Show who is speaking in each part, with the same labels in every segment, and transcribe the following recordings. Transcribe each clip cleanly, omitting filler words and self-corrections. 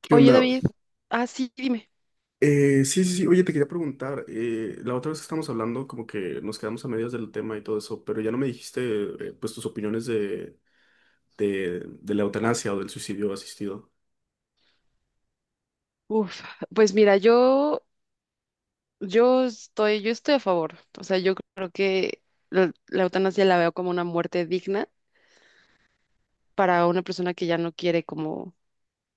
Speaker 1: ¿Qué
Speaker 2: Oye,
Speaker 1: onda?
Speaker 2: David, sí, dime.
Speaker 1: Sí, sí, sí. Oye, te quería preguntar, la otra vez que estábamos hablando, como que nos quedamos a medias del tema y todo eso, pero ya no me dijiste, pues, tus opiniones de, de la eutanasia o del suicidio asistido.
Speaker 2: Uf, pues mira, yo estoy a favor. O sea, yo creo que la eutanasia la veo como una muerte digna para una persona que ya no quiere como,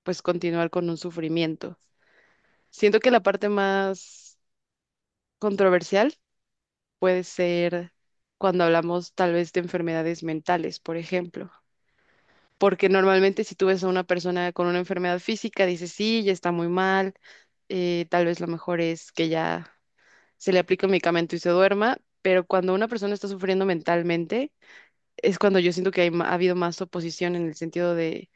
Speaker 2: pues, continuar con un sufrimiento. Siento que la parte más controversial puede ser cuando hablamos tal vez de enfermedades mentales, por ejemplo. Porque normalmente si tú ves a una persona con una enfermedad física, dices, sí, ya está muy mal, tal vez lo mejor es que ya se le aplica un medicamento y se duerma, pero cuando una persona está sufriendo mentalmente, es cuando yo siento que ha habido más oposición en el sentido de,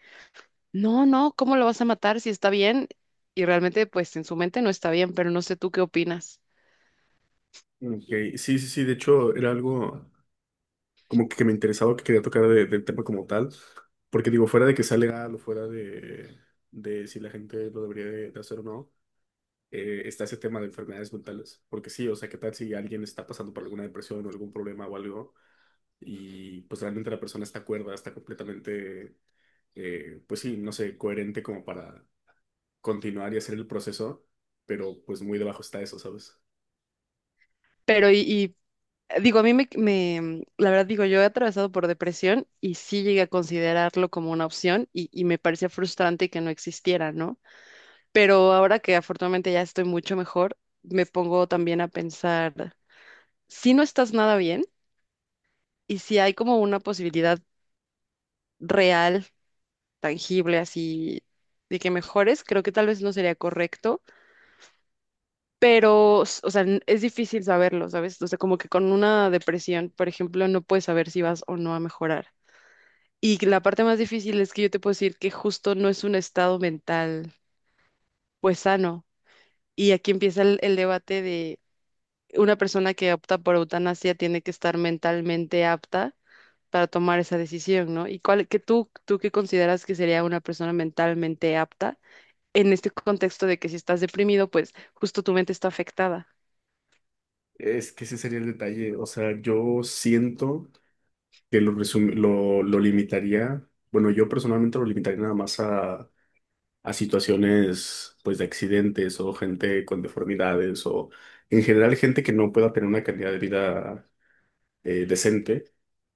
Speaker 2: no, no, ¿cómo lo vas a matar si está bien? Y realmente, pues en su mente no está bien, pero no sé tú qué opinas.
Speaker 1: Ok, sí, sí, sí. De hecho, era algo, como que me interesaba, que quería tocar del tema como tal, porque digo, fuera de que sea legal o fuera de si la gente lo debería de hacer o no, está ese tema de enfermedades mentales, porque sí, o sea, ¿qué tal si alguien está pasando por alguna depresión o algún problema o algo, y pues realmente la persona está cuerda, está completamente, pues sí, no sé, coherente como para continuar y hacer el proceso, pero pues muy debajo está eso, ¿sabes?
Speaker 2: Pero y, y, digo, a mí me, me- la verdad digo, yo he atravesado por depresión y sí llegué a considerarlo como una opción y me parecía frustrante que no existiera, ¿no? Pero ahora que afortunadamente ya estoy mucho mejor, me pongo también a pensar, si no estás nada bien, y si hay como una posibilidad real, tangible, así, de que mejores, creo que tal vez no sería correcto, pero, o sea, es difícil saberlo, ¿sabes? O sea, como que con una depresión, por ejemplo, no puedes saber si vas o no a mejorar. Y la parte más difícil es que yo te puedo decir que justo no es un estado mental, pues sano. Y aquí empieza el debate de una persona que opta por eutanasia tiene que estar mentalmente apta para tomar esa decisión, ¿no? ¿Y cuál, tú qué consideras que sería una persona mentalmente apta en este contexto de que si estás deprimido, pues justo tu mente está afectada?
Speaker 1: Es que ese sería el detalle, o sea, yo siento que lo limitaría, bueno, yo personalmente lo limitaría nada más a situaciones pues de accidentes o gente con deformidades o en general gente que no pueda tener una calidad de vida decente,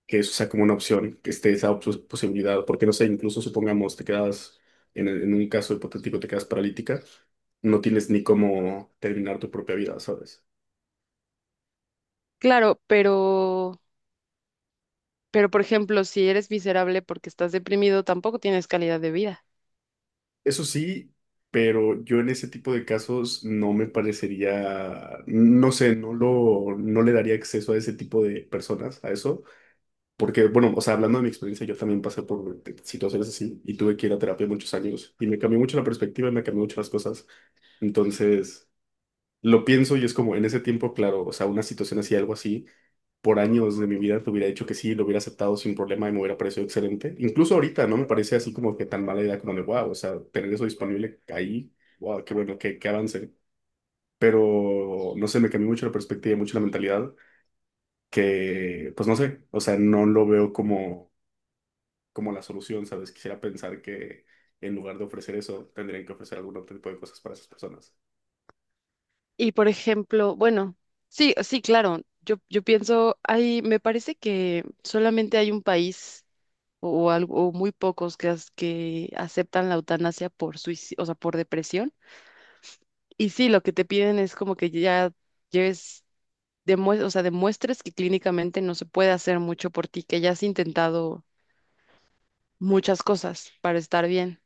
Speaker 1: que eso sea como una opción, que esté esa posibilidad, porque no sé, incluso supongamos te quedas, en un caso hipotético te quedas paralítica, no tienes ni cómo terminar tu propia vida, ¿sabes?
Speaker 2: Claro, pero por ejemplo, si eres miserable porque estás deprimido, tampoco tienes calidad de vida.
Speaker 1: Eso sí, pero yo en ese tipo de casos no me parecería, no sé, no le daría acceso a ese tipo de personas, a eso, porque, bueno, o sea, hablando de mi experiencia, yo también pasé por situaciones así y tuve que ir a terapia muchos años y me cambió mucho la perspectiva, me cambió mucho las cosas. Entonces, lo pienso y es como en ese tiempo, claro, o sea, una situación así, algo así por años de mi vida te hubiera dicho que sí, lo hubiera aceptado sin problema y me hubiera parecido excelente. Incluso ahorita no me parece así como que tan mala idea como de, wow, o sea, tener eso disponible ahí, wow, qué bueno, qué, qué avance. Pero no sé, me cambió mucho la perspectiva y mucho la mentalidad, que pues no sé, o sea, no lo veo como, como la solución, ¿sabes? Quisiera pensar que en lugar de ofrecer eso, tendrían que ofrecer algún otro tipo de cosas para esas personas.
Speaker 2: Y por ejemplo, bueno, sí, sí, claro, yo pienso, hay, me parece que solamente hay un país o, algo, o muy pocos que, que aceptan la eutanasia por suicidio, o sea, por depresión. Y sí, lo que te piden es como que ya lleves, o sea, demuestres que clínicamente no se puede hacer mucho por ti, que ya has intentado muchas cosas para estar bien.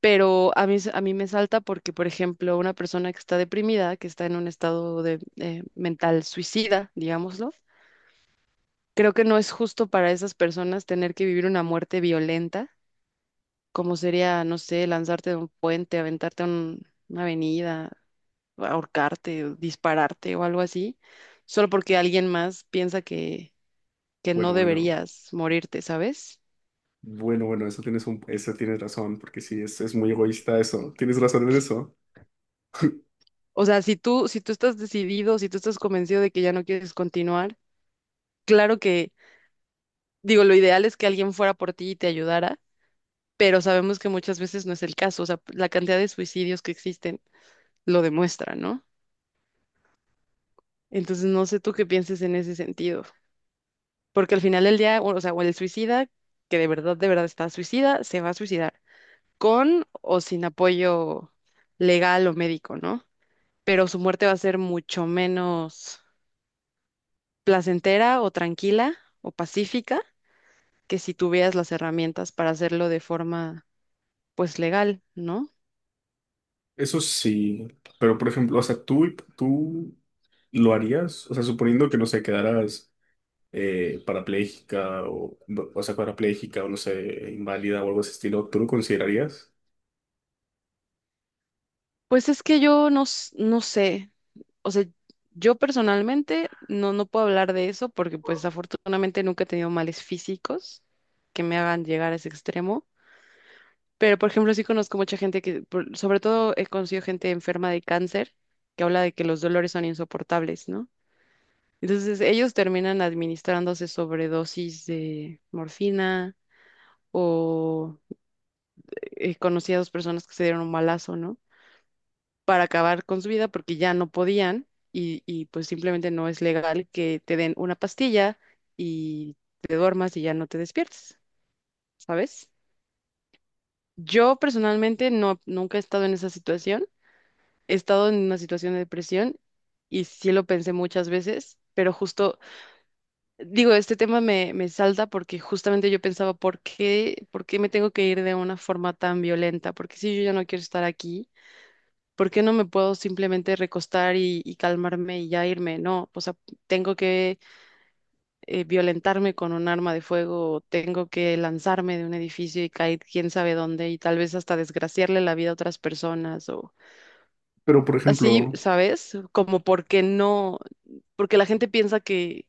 Speaker 2: Pero a mí me salta porque, por ejemplo, una persona que está deprimida, que está en un estado de, mental suicida, digámoslo, creo que no es justo para esas personas tener que vivir una muerte violenta, como sería, no sé, lanzarte de un puente, aventarte a una avenida, ahorcarte, o dispararte o algo así, solo porque alguien más piensa que
Speaker 1: Bueno,
Speaker 2: no
Speaker 1: bueno.
Speaker 2: deberías morirte, ¿sabes?
Speaker 1: Bueno, bueno, eso tienes un, eso tienes razón, porque sí, es muy egoísta eso. Tienes razón en eso.
Speaker 2: O sea, si tú estás decidido, si tú estás convencido de que ya no quieres continuar, claro. Digo, lo ideal es que alguien fuera por ti y te ayudara, pero sabemos que muchas veces no es el caso. O sea, la cantidad de suicidios que existen lo demuestra, ¿no? Entonces, no sé tú qué pienses en ese sentido, porque al final del día, o sea, o el suicida, que de verdad está suicida, se va a suicidar, con o sin apoyo legal o médico, ¿no? Pero su muerte va a ser mucho menos placentera o tranquila o pacífica que si tuvieras las herramientas para hacerlo de forma, pues, legal, ¿no?
Speaker 1: Eso sí, pero por ejemplo, o sea, tú lo harías, o sea, suponiendo que no sé, quedaras parapléjica o sea, parapléjica o no sé, inválida o algo de ese estilo, ¿tú lo considerarías?
Speaker 2: Pues es que yo no, no sé, o sea, yo personalmente no, no puedo hablar de eso porque pues afortunadamente nunca he tenido males físicos que me hagan llegar a ese extremo, pero por ejemplo sí conozco mucha gente que, sobre todo he conocido gente enferma de cáncer que habla de que los dolores son insoportables, ¿no? Entonces ellos terminan administrándose sobredosis de morfina o conocí a dos personas que se dieron un balazo, ¿no? Para acabar con su vida porque ya no podían y pues simplemente no es legal que te den una pastilla y te duermas y ya no te despiertes, ¿sabes? Yo personalmente no, nunca he estado en esa situación, he estado en una situación de depresión y sí lo pensé muchas veces, pero justo, digo, este tema me salta porque justamente yo pensaba, por qué me tengo que ir de una forma tan violenta? Porque si yo ya no quiero estar aquí, ¿por qué no me puedo simplemente recostar y calmarme y ya irme? No, o sea, tengo que violentarme con un arma de fuego, o tengo que lanzarme de un edificio y caer quién sabe dónde y tal vez hasta desgraciarle la vida a otras personas o
Speaker 1: Pero por
Speaker 2: así,
Speaker 1: ejemplo,
Speaker 2: ¿sabes? Como porque no, porque la gente piensa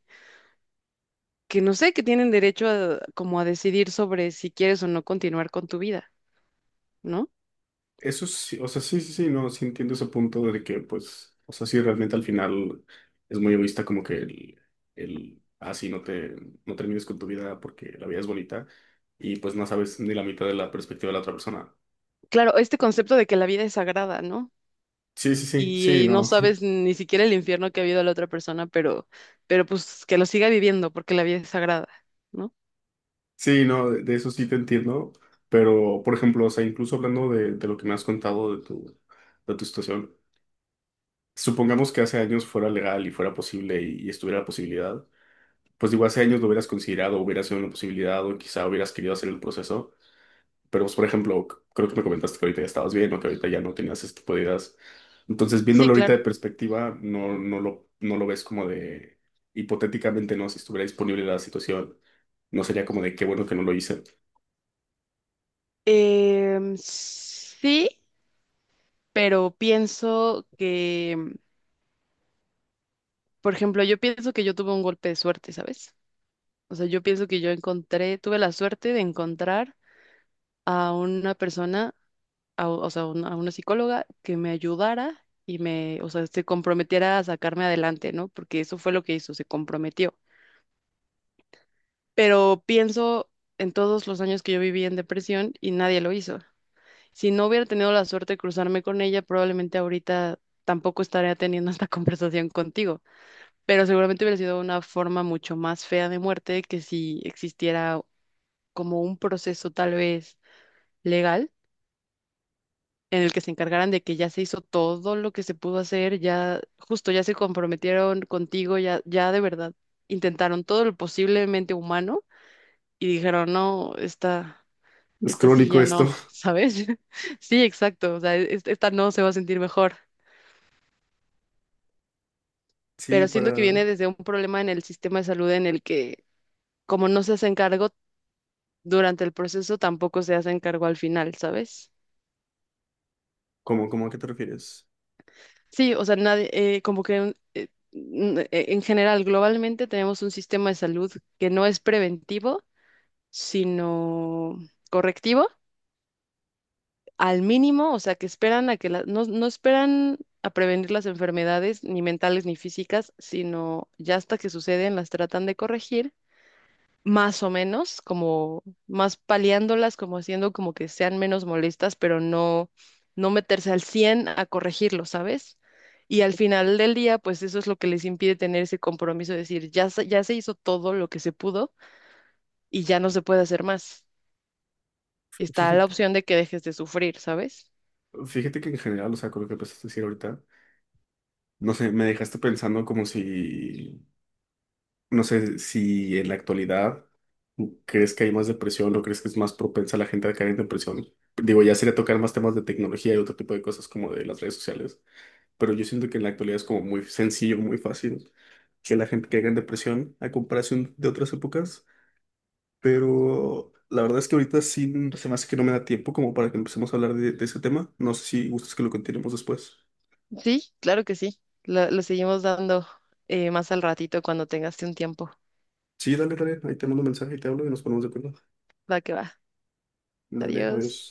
Speaker 2: que no sé, que tienen derecho a, como a decidir sobre si quieres o no continuar con tu vida, ¿no?
Speaker 1: eso sí, o sea, sí, sí, sí, no, sí entiendo ese punto de que, pues, o sea, sí, realmente al final es muy egoísta como que el, así no te, no termines con tu vida porque la vida es bonita y pues no sabes ni la mitad de la perspectiva de la otra persona.
Speaker 2: Claro, este concepto de que la vida es sagrada, ¿no?
Speaker 1: Sí, sí, sí, sí,
Speaker 2: Y no
Speaker 1: no,
Speaker 2: sabes ni siquiera el infierno que ha habido la otra persona, pero pues que lo siga viviendo porque la vida es sagrada, ¿no?
Speaker 1: sí, no, de eso sí te entiendo, pero, por ejemplo, o sea, incluso hablando de lo que me has contado de tu situación, supongamos que hace años fuera legal y fuera posible y estuviera la posibilidad. Pues digo, hace años lo hubieras considerado, hubiera sido una posibilidad o quizá hubieras querido hacer el proceso, pero pues por ejemplo, creo que me comentaste que ahorita ya estabas bien o que ahorita ya no tenías este tipo de ideas. Entonces,
Speaker 2: Sí,
Speaker 1: viéndolo ahorita de
Speaker 2: claro.
Speaker 1: perspectiva, no, no lo ves como de, hipotéticamente, no, si estuviera disponible la situación, no sería como de qué bueno que no lo hice.
Speaker 2: Sí, pero pienso que, por ejemplo, yo pienso que yo tuve un golpe de suerte, ¿sabes? O sea, yo pienso que yo encontré, tuve la suerte de encontrar a una persona, o sea, a una psicóloga que me ayudara y me, o sea, se comprometiera a sacarme adelante, ¿no? Porque eso fue lo que hizo, se comprometió. Pero pienso en todos los años que yo viví en depresión y nadie lo hizo. Si no hubiera tenido la suerte de cruzarme con ella, probablemente ahorita tampoco estaría teniendo esta conversación contigo, pero seguramente hubiera sido una forma mucho más fea de muerte que si existiera como un proceso tal vez legal en el que se encargaran de que ya se hizo todo lo que se pudo hacer, ya justo ya se comprometieron contigo, ya de verdad intentaron todo lo posiblemente humano y dijeron, "No,
Speaker 1: Es
Speaker 2: esta sí
Speaker 1: crónico
Speaker 2: ya
Speaker 1: esto.
Speaker 2: no, ¿sabes? Sí, exacto, o sea, esta no se va a sentir mejor,
Speaker 1: Sí,
Speaker 2: pero siento que viene
Speaker 1: para...
Speaker 2: desde un problema en el sistema de salud en el que como no se hacen cargo durante el proceso, tampoco se hacen cargo al final, ¿sabes?
Speaker 1: ¿Cómo, cómo a qué te refieres?
Speaker 2: Sí, o sea, nadie, como que en general, globalmente tenemos un sistema de salud que no es preventivo, sino correctivo al mínimo, o sea, que esperan a que no, no esperan a prevenir las enfermedades, ni mentales ni físicas, sino ya hasta que suceden las tratan de corregir, más o menos, como más paliándolas, como haciendo como que sean menos molestas, pero no, no meterse al 100 a corregirlo, ¿sabes? Y al final del día, pues eso es lo que les impide tener ese compromiso de decir, ya, ya se hizo todo lo que se pudo y ya no se puede hacer más. Está la
Speaker 1: Fíjate.
Speaker 2: opción de que dejes de sufrir, ¿sabes?
Speaker 1: Fíjate que en general, o sea, con lo que empezaste a decir ahorita, no sé, me dejaste pensando como si, no sé, si en la actualidad crees que hay más depresión o crees que es más propensa la gente a caer en depresión. Digo, ya sería tocar más temas de tecnología y otro tipo de cosas como de las redes sociales, pero yo siento que en la actualidad es como muy sencillo, muy fácil, que la gente caiga en depresión a comparación de otras épocas, pero la verdad es que ahorita sí se me hace que no me da tiempo como para que empecemos a hablar de ese tema. No sé si gustas que lo continuemos después.
Speaker 2: Sí, claro que sí. Lo seguimos dando más al ratito cuando tengas un tiempo.
Speaker 1: Sí, dale, dale, ahí te mando un mensaje y te hablo y nos ponemos de acuerdo.
Speaker 2: Va que va.
Speaker 1: Dale, adiós.
Speaker 2: Adiós.